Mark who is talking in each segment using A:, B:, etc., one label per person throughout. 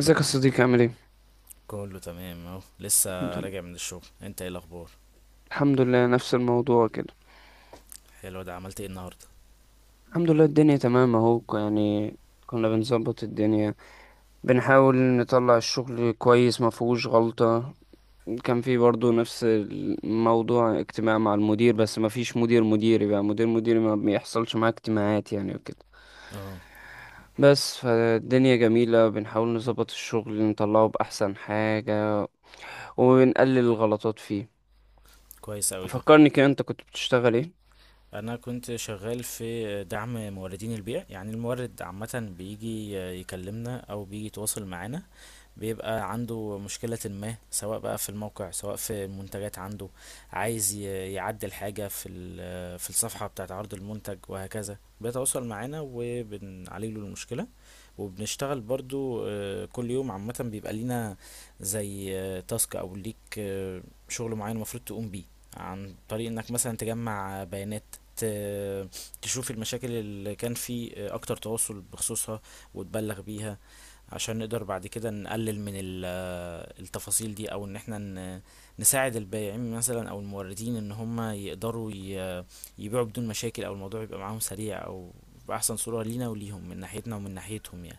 A: ازيك يا صديقي عامل ايه؟
B: كله تمام، اهو
A: الحمد
B: لسه
A: لله.
B: راجع من الشغل. انت ايه الاخبار؟
A: الحمد لله، نفس الموضوع كده.
B: حلو. ده عملت ايه النهارده؟
A: الحمد لله الدنيا تمام اهو يعني كنا بنظبط الدنيا. بنحاول نطلع الشغل كويس ما فيهوش غلطة. كان في برضو نفس الموضوع اجتماع مع المدير، بس ما فيش مدير مديري، بقى مدير مديري ما بيحصلش معاه اجتماعات يعني وكده.
B: اه.
A: بس فالدنيا جميلة، بنحاول نظبط الشغل نطلعه بأحسن حاجة، وبنقلل الغلطات فيه.
B: كويس اوي ده.
A: فكرني كده، انت كنت بتشتغل ايه؟
B: انا كنت شغال في دعم موردين البيع، يعني المورد عامه بيجي يكلمنا او بيجي يتواصل معانا. بيبقى عنده مشكلة ما، سواء بقى في الموقع سواء في المنتجات عنده. عايز يعدل حاجة في في الصفحة بتاعة عرض المنتج، وهكذا بيتواصل معانا وبنعالج له المشكلة. وبنشتغل برضو كل يوم عامة بيبقى لينا، زي تاسك أو ليك، شغل معين المفروض تقوم بيه، عن طريق انك مثلا تجمع بيانات، ت- تشوف المشاكل اللي كان في اكتر تواصل بخصوصها وتبلغ بيها، عشان نقدر بعد كده نقلل من التفاصيل دي، او ان احنا نساعد البائعين مثلا او الموردين ان هم يقدروا يبيعوا بدون مشاكل، او الموضوع يبقى معاهم سريع، او بأحسن صورة لينا وليهم من ناحيتنا ومن ناحيتهم يعني.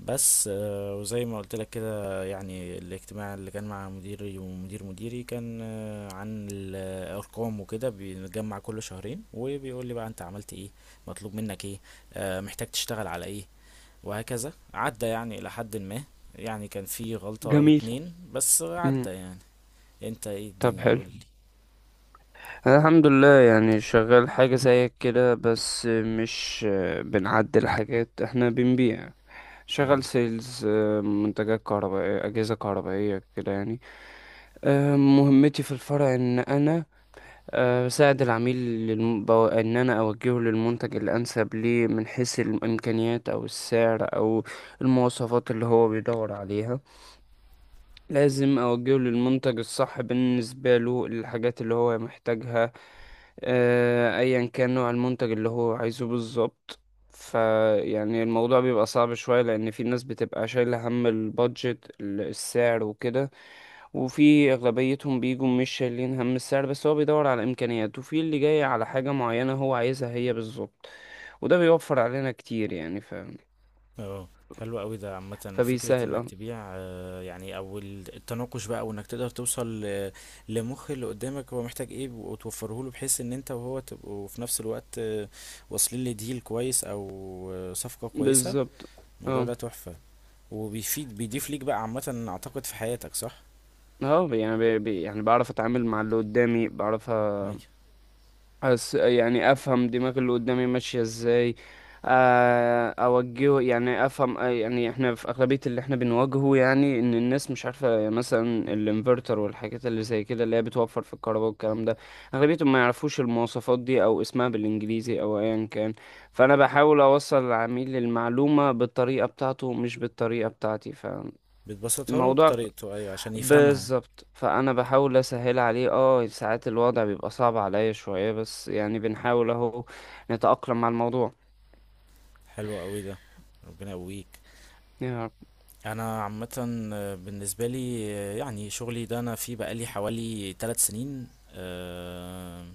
B: بس وزي ما قلت لك كده، يعني الاجتماع اللي كان مع مديري ومدير مديري كان عن الأرقام وكده. بنتجمع كل شهرين وبيقول لي بقى انت عملت ايه، مطلوب منك ايه، محتاج تشتغل على ايه، وهكذا. عدى يعني إلى حد ما، يعني كان في غلطة أو
A: جميل.
B: اتنين بس
A: مم.
B: عدى يعني. انت ايه
A: طب
B: الدنيا
A: حلو.
B: قولي؟
A: أنا الحمد لله يعني شغال حاجة زيك كده، بس مش آه، بنعدل حاجات، احنا بنبيع. شغال
B: اه.
A: سيلز، منتجات كهربائية، أجهزة كهربائية كده يعني. مهمتي في الفرع ان انا بساعد العميل. ان انا اوجهه للمنتج الانسب ليه من حيث الامكانيات او السعر او المواصفات اللي هو بيدور عليها. لازم أوجهه للمنتج الصح بالنسبة له للحاجات اللي هو محتاجها. أيا كان نوع المنتج اللي هو عايزه بالظبط. فيعني الموضوع بيبقى صعب شوية، لأن في ناس بتبقى شايلة هم البادجت، السعر وكده. وفي أغلبيتهم بيجوا مش شايلين هم السعر، بس هو بيدور على إمكانيات، وفي اللي جاي على حاجة معينة هو عايزها هي بالظبط. وده بيوفر علينا كتير يعني ف...
B: اه. حلو قوي ده، عامة فكرة
A: فبيسهل
B: انك
A: اه.
B: تبيع يعني، او التناقش بقى، وانك تقدر توصل لمخ اللي قدامك هو محتاج ايه وتوفره له، بحيث ان انت وهو تبقوا في نفس الوقت واصلين لديل كويس، او صفقة كويسة.
A: بالظبط.
B: الموضوع
A: اه.
B: ده تحفة، وبيفيد، بيضيف ليك بقى عامة اعتقد في حياتك، صح؟
A: يعني بعرف اتعامل مع اللي قدامي.
B: ايوه.
A: أس يعني افهم دماغ اللي قدامي ماشية ازاي. اوجهه يعني افهم آه، يعني احنا في اغلبية اللي احنا بنواجهه يعني ان الناس مش عارفة مثلا الانفرتر والحاجات اللي زي كده اللي هي بتوفر في الكهرباء والكلام ده. اغلبيتهم ما يعرفوش المواصفات دي، او اسمها بالانجليزي او ايا كان. فانا بحاول اوصل للعميل المعلومة بالطريقة بتاعته، مش بالطريقة بتاعتي.
B: بتبسطها له
A: فالموضوع
B: بطريقته، ايوه عشان يفهمها.
A: بالظبط، فانا بحاول اسهل عليه. اه ساعات الوضع بيبقى صعب عليا شوية، بس يعني بنحاول اهو نتأقلم مع الموضوع
B: حلو قوي ده، ربنا يقويك.
A: يعني.
B: انا عامه بالنسبه لي يعني شغلي ده انا فيه بقالي حوالي 3 سنين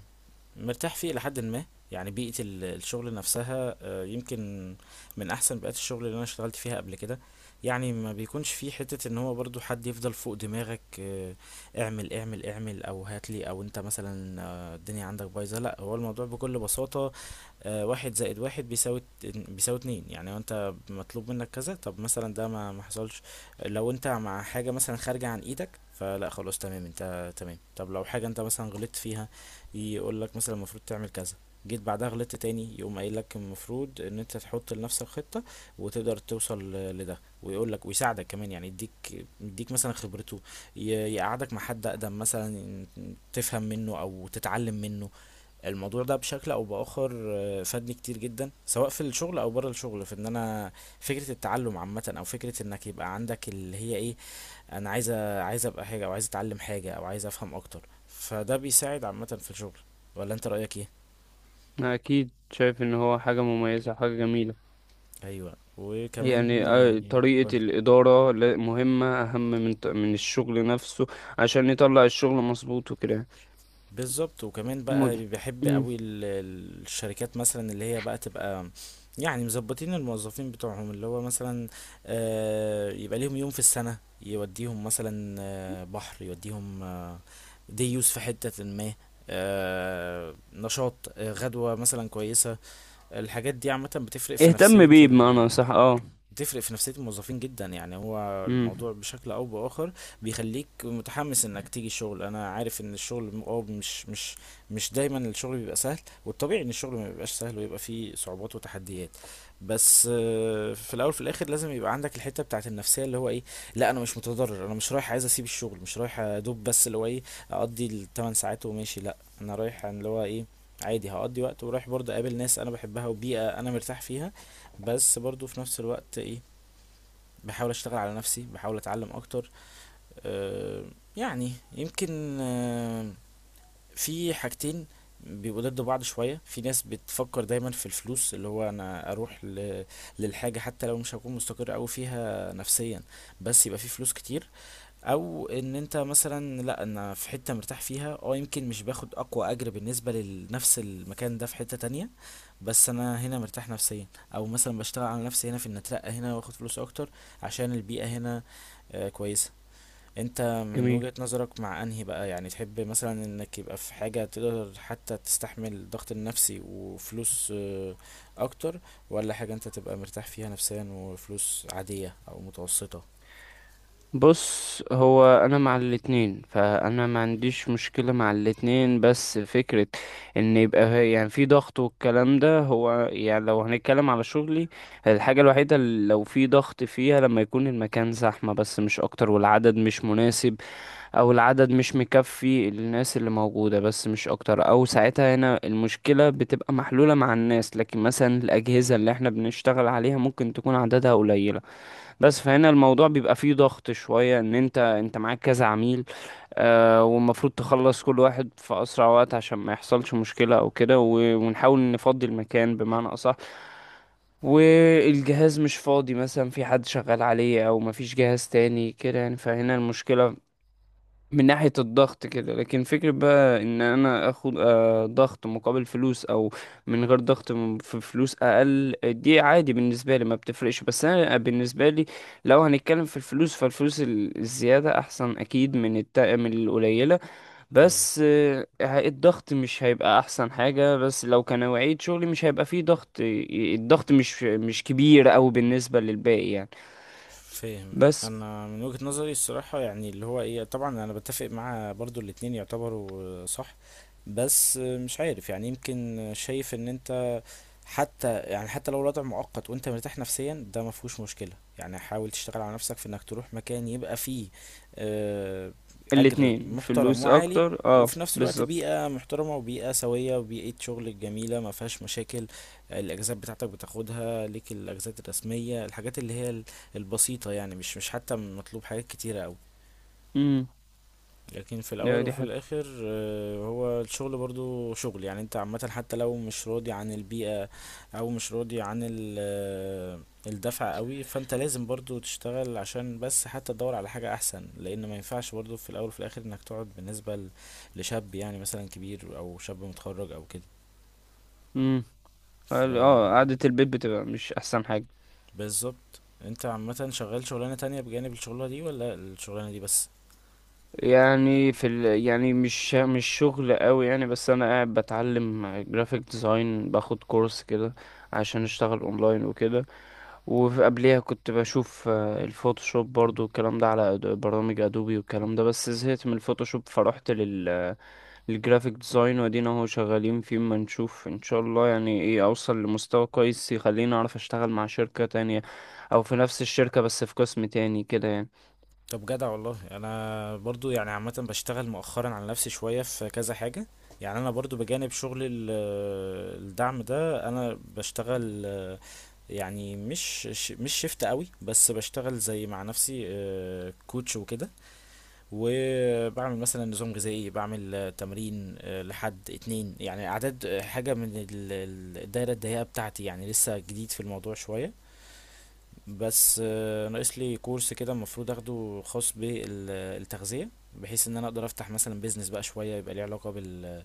B: مرتاح فيه إلى حد ما. يعني بيئة الشغل نفسها يمكن من أحسن بيئات الشغل اللي أنا اشتغلت فيها قبل كده. يعني ما بيكونش فيه حتة إن هو برضو حد يفضل فوق دماغك اعمل اعمل اعمل، أو هاتلي، أو أنت مثلا الدنيا عندك بايظة. لأ، هو الموضوع بكل بساطة واحد زائد واحد بيساوي بيساوي اتنين، يعني انت مطلوب منك كذا. طب مثلا ده ما حصلش، لو انت مع حاجة مثلا خارجة عن ايدك فلا، خلاص تمام، انت تمام. طب لو حاجة انت مثلا غلطت فيها، يقول لك مثلا المفروض تعمل كذا. جيت بعدها غلطت تاني، يقوم قايل لك المفروض ان انت تحط لنفسك خطة وتقدر توصل لده، ويقول لك ويساعدك كمان، يعني يديك مثلا خبرته، يقعدك مع حد اقدم مثلا تفهم منه او تتعلم منه. الموضوع ده بشكل او باخر فادني كتير جدا، سواء في الشغل او بره الشغل، في ان انا فكرة التعلم عامة، او فكرة انك يبقى عندك اللي هي ايه، انا عايز ابقى حاجه، او عايز اتعلم حاجه، او عايز افهم اكتر. فده بيساعد عامه في الشغل، ولا انت رايك ايه؟
A: أنا اكيد شايف ان هو حاجة مميزة، حاجة جميلة.
B: ايوه، وكمان
A: يعني آه،
B: يعني.
A: طريقة الإدارة مهمة أهم من من الشغل نفسه، عشان يطلع الشغل مظبوط وكده.
B: بالظبط، وكمان بقى
A: مد...
B: بيحب
A: مم.
B: قوي الشركات مثلا اللي هي بقى تبقى يعني مظبطين الموظفين بتوعهم، اللي هو مثلا يبقى ليهم يوم في السنة يوديهم مثلا بحر، يوديهم ديوس في حتة ما، نشاط، غدوة مثلا كويسة. الحاجات دي عامة
A: اهتم بيه بمعنى صح، اه.
B: بتفرق في نفسية الموظفين جدا، يعني هو الموضوع
A: مم.
B: بشكل أو بآخر بيخليك متحمس إنك تيجي الشغل. أنا عارف إن الشغل مش دايما الشغل بيبقى سهل، والطبيعي إن الشغل ما بيبقاش سهل ويبقى فيه صعوبات وتحديات. بس في الأول في الآخر لازم يبقى عندك الحتة بتاعت النفسية اللي هو إيه. لا، أنا مش متضرر، أنا مش رايح عايز أسيب الشغل، مش رايح أدوب، بس اللي هو إيه، أقضي الثمان ساعات وماشي. لا، أنا رايح عن اللي هو إيه، عادي هقضي وقت ورايح برضه اقابل ناس انا بحبها وبيئة انا مرتاح فيها، بس برضه في نفس الوقت إيه، بحاول اشتغل على نفسي، بحاول اتعلم اكتر آه، يعني يمكن في حاجتين بيبقوا ضد بعض شوية. في ناس بتفكر دايما في الفلوس، اللي هو انا اروح للحاجة حتى لو مش هكون مستقر اوي فيها نفسيا، بس يبقى في فلوس كتير. او ان انت مثلا، لا انا في حتة مرتاح فيها، اه، يمكن مش باخد اقوى اجر بالنسبة لنفس المكان ده في حتة تانية، بس انا هنا مرتاح نفسيا. او مثلا بشتغل على نفسي هنا في ان اترقى هنا واخد فلوس اكتر عشان البيئة هنا كويسة. انت من
A: جميل.
B: وجهة نظرك، مع انهي بقى يعني، تحب مثلا انك يبقى في حاجة تقدر حتى تستحمل الضغط النفسي وفلوس اكتر، ولا حاجة انت تبقى مرتاح فيها نفسيا وفلوس عادية او متوسطة؟
A: بص، هو انا مع الاتنين، فانا ما عنديش مشكلة مع الاتنين، بس فكرة ان يبقى يعني في ضغط والكلام ده، هو يعني لو هنتكلم على شغلي، الحاجة الوحيدة اللي لو في ضغط فيها لما يكون المكان زحمة، بس مش اكتر، والعدد مش مناسب، او العدد مش مكفي الناس اللي موجودة، بس مش اكتر. او ساعتها هنا المشكلة بتبقى محلولة مع الناس، لكن مثلا الاجهزة اللي احنا بنشتغل عليها ممكن تكون عددها قليل. بس فهنا الموضوع بيبقى فيه ضغط شوية، ان انت معاك كذا عميل آه، والمفروض تخلص كل واحد في اسرع وقت عشان ما يحصلش مشكلة او كده، ونحاول نفضي المكان بمعنى اصح، والجهاز مش فاضي مثلا في حد شغال عليه، او مفيش جهاز تاني كده يعني. فهنا المشكلة من ناحية الضغط كده. لكن فكرة بقى ان انا اخد آه، ضغط مقابل فلوس، او من غير ضغط في فلوس اقل، دي عادي بالنسبة لي، ما بتفرقش. بس انا آه، بالنسبة لي لو هنتكلم في الفلوس، فالفلوس الزيادة احسن اكيد من الت... من القليلة.
B: ايوه،
A: بس آه، الضغط مش هيبقى احسن حاجة، بس لو كنوعية شغلي مش هيبقى فيه ضغط الضغط مش كبير او بالنسبة للباقي يعني.
B: فاهم.
A: بس
B: انا من وجهة نظري الصراحة، يعني اللي هو ايه، طبعا انا بتفق مع برضو الاتنين يعتبروا صح. بس مش عارف يعني، يمكن شايف ان انت حتى، يعني حتى لو الوضع مؤقت وانت مرتاح نفسيا ده ما فيهوش مشكلة، يعني حاول تشتغل على نفسك في انك تروح مكان يبقى فيه آه، اجر
A: الاتنين،
B: محترم
A: فلوس
B: وعالي،
A: اكتر اه،
B: وفي نفس الوقت
A: بالظبط.
B: بيئة محترمة وبيئة سوية وبيئة شغل جميلة ما فيهاش مشاكل. الأجازات بتاعتك بتاخدها ليك، الأجازات الرسمية، الحاجات اللي هي البسيطة يعني، مش حتى مطلوب حاجات كتيرة أوي. لكن في الاول
A: لا دي
B: وفي
A: حاجة.
B: الاخر هو الشغل برضو شغل، يعني انت عامة حتى لو مش راضي عن البيئة او مش راضي عن الدفع قوي، فانت لازم برضو تشتغل عشان بس حتى تدور على حاجة احسن، لان ما ينفعش برضو في الاول وفي الاخر انك تقعد، بالنسبة لشاب يعني مثلا كبير، او شاب متخرج او كده.
A: امم.
B: ف
A: اه، قعدة البيت بتبقى مش احسن حاجة.
B: بالظبط، انت عامة شغال شغلانة تانية بجانب الشغلانة دي، ولا الشغلانة دي بس؟
A: يعني في ال... يعني مش شغل قوي يعني، بس انا قاعد بتعلم جرافيك ديزاين، باخد كورس كده عشان اشتغل اونلاين وكده. وقبليها كنت بشوف آه، الفوتوشوب برضو والكلام ده، على برامج ادوبي والكلام ده، بس زهقت من الفوتوشوب فرحت لل الجرافيك ديزاين، وادينا اهو شغالين فيه، ما نشوف ان شاء الله يعني ايه، اوصل لمستوى كويس يخليني اعرف اشتغل مع شركة تانية، او في نفس الشركة بس في قسم تاني كده يعني.
B: طب جدع والله. انا برضو يعني عامه بشتغل مؤخرا على نفسي شويه في كذا حاجه، يعني انا برضو بجانب شغل الدعم ده، انا بشتغل يعني مش مش شيفت قوي، بس بشتغل زي مع نفسي كوتش وكده، وبعمل مثلا نظام غذائي، بعمل تمرين لحد اتنين يعني، اعداد حاجه من الدايره الضيقه بتاعتي، يعني لسه جديد في الموضوع شويه. بس ناقص لي كورس كده المفروض اخده خاص بالتغذية، بحيث ان انا اقدر افتح مثلا بيزنس بقى شوية يبقى ليه علاقة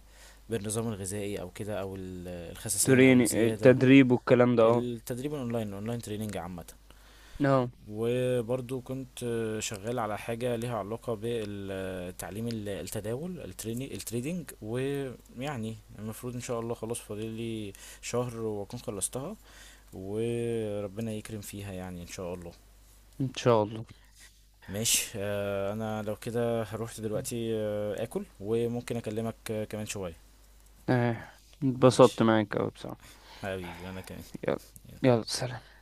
B: بالنظام الغذائي او كده، او الخسسان او
A: تريني
B: الزيادة.
A: التدريب والكلام ده، اه.
B: التدريب الاونلاين، تريننج عامة.
A: اه.
B: وبرضو كنت شغال على حاجة ليها علاقة بالتعليم، التداول، التريدينج، ويعني المفروض ان شاء الله خلاص فاضل لي شهر واكون خلصتها، وربنا يكرم فيها يعني ان شاء الله.
A: ان شاء الله.
B: ماشي انا لو كده هروح دلوقتي اكل، وممكن اكلمك كمان شوية.
A: اه
B: ماشي
A: اتبسطت معاك اوي بصراحة.
B: حبيبي، انا كمان.
A: يلا. يلا سلام.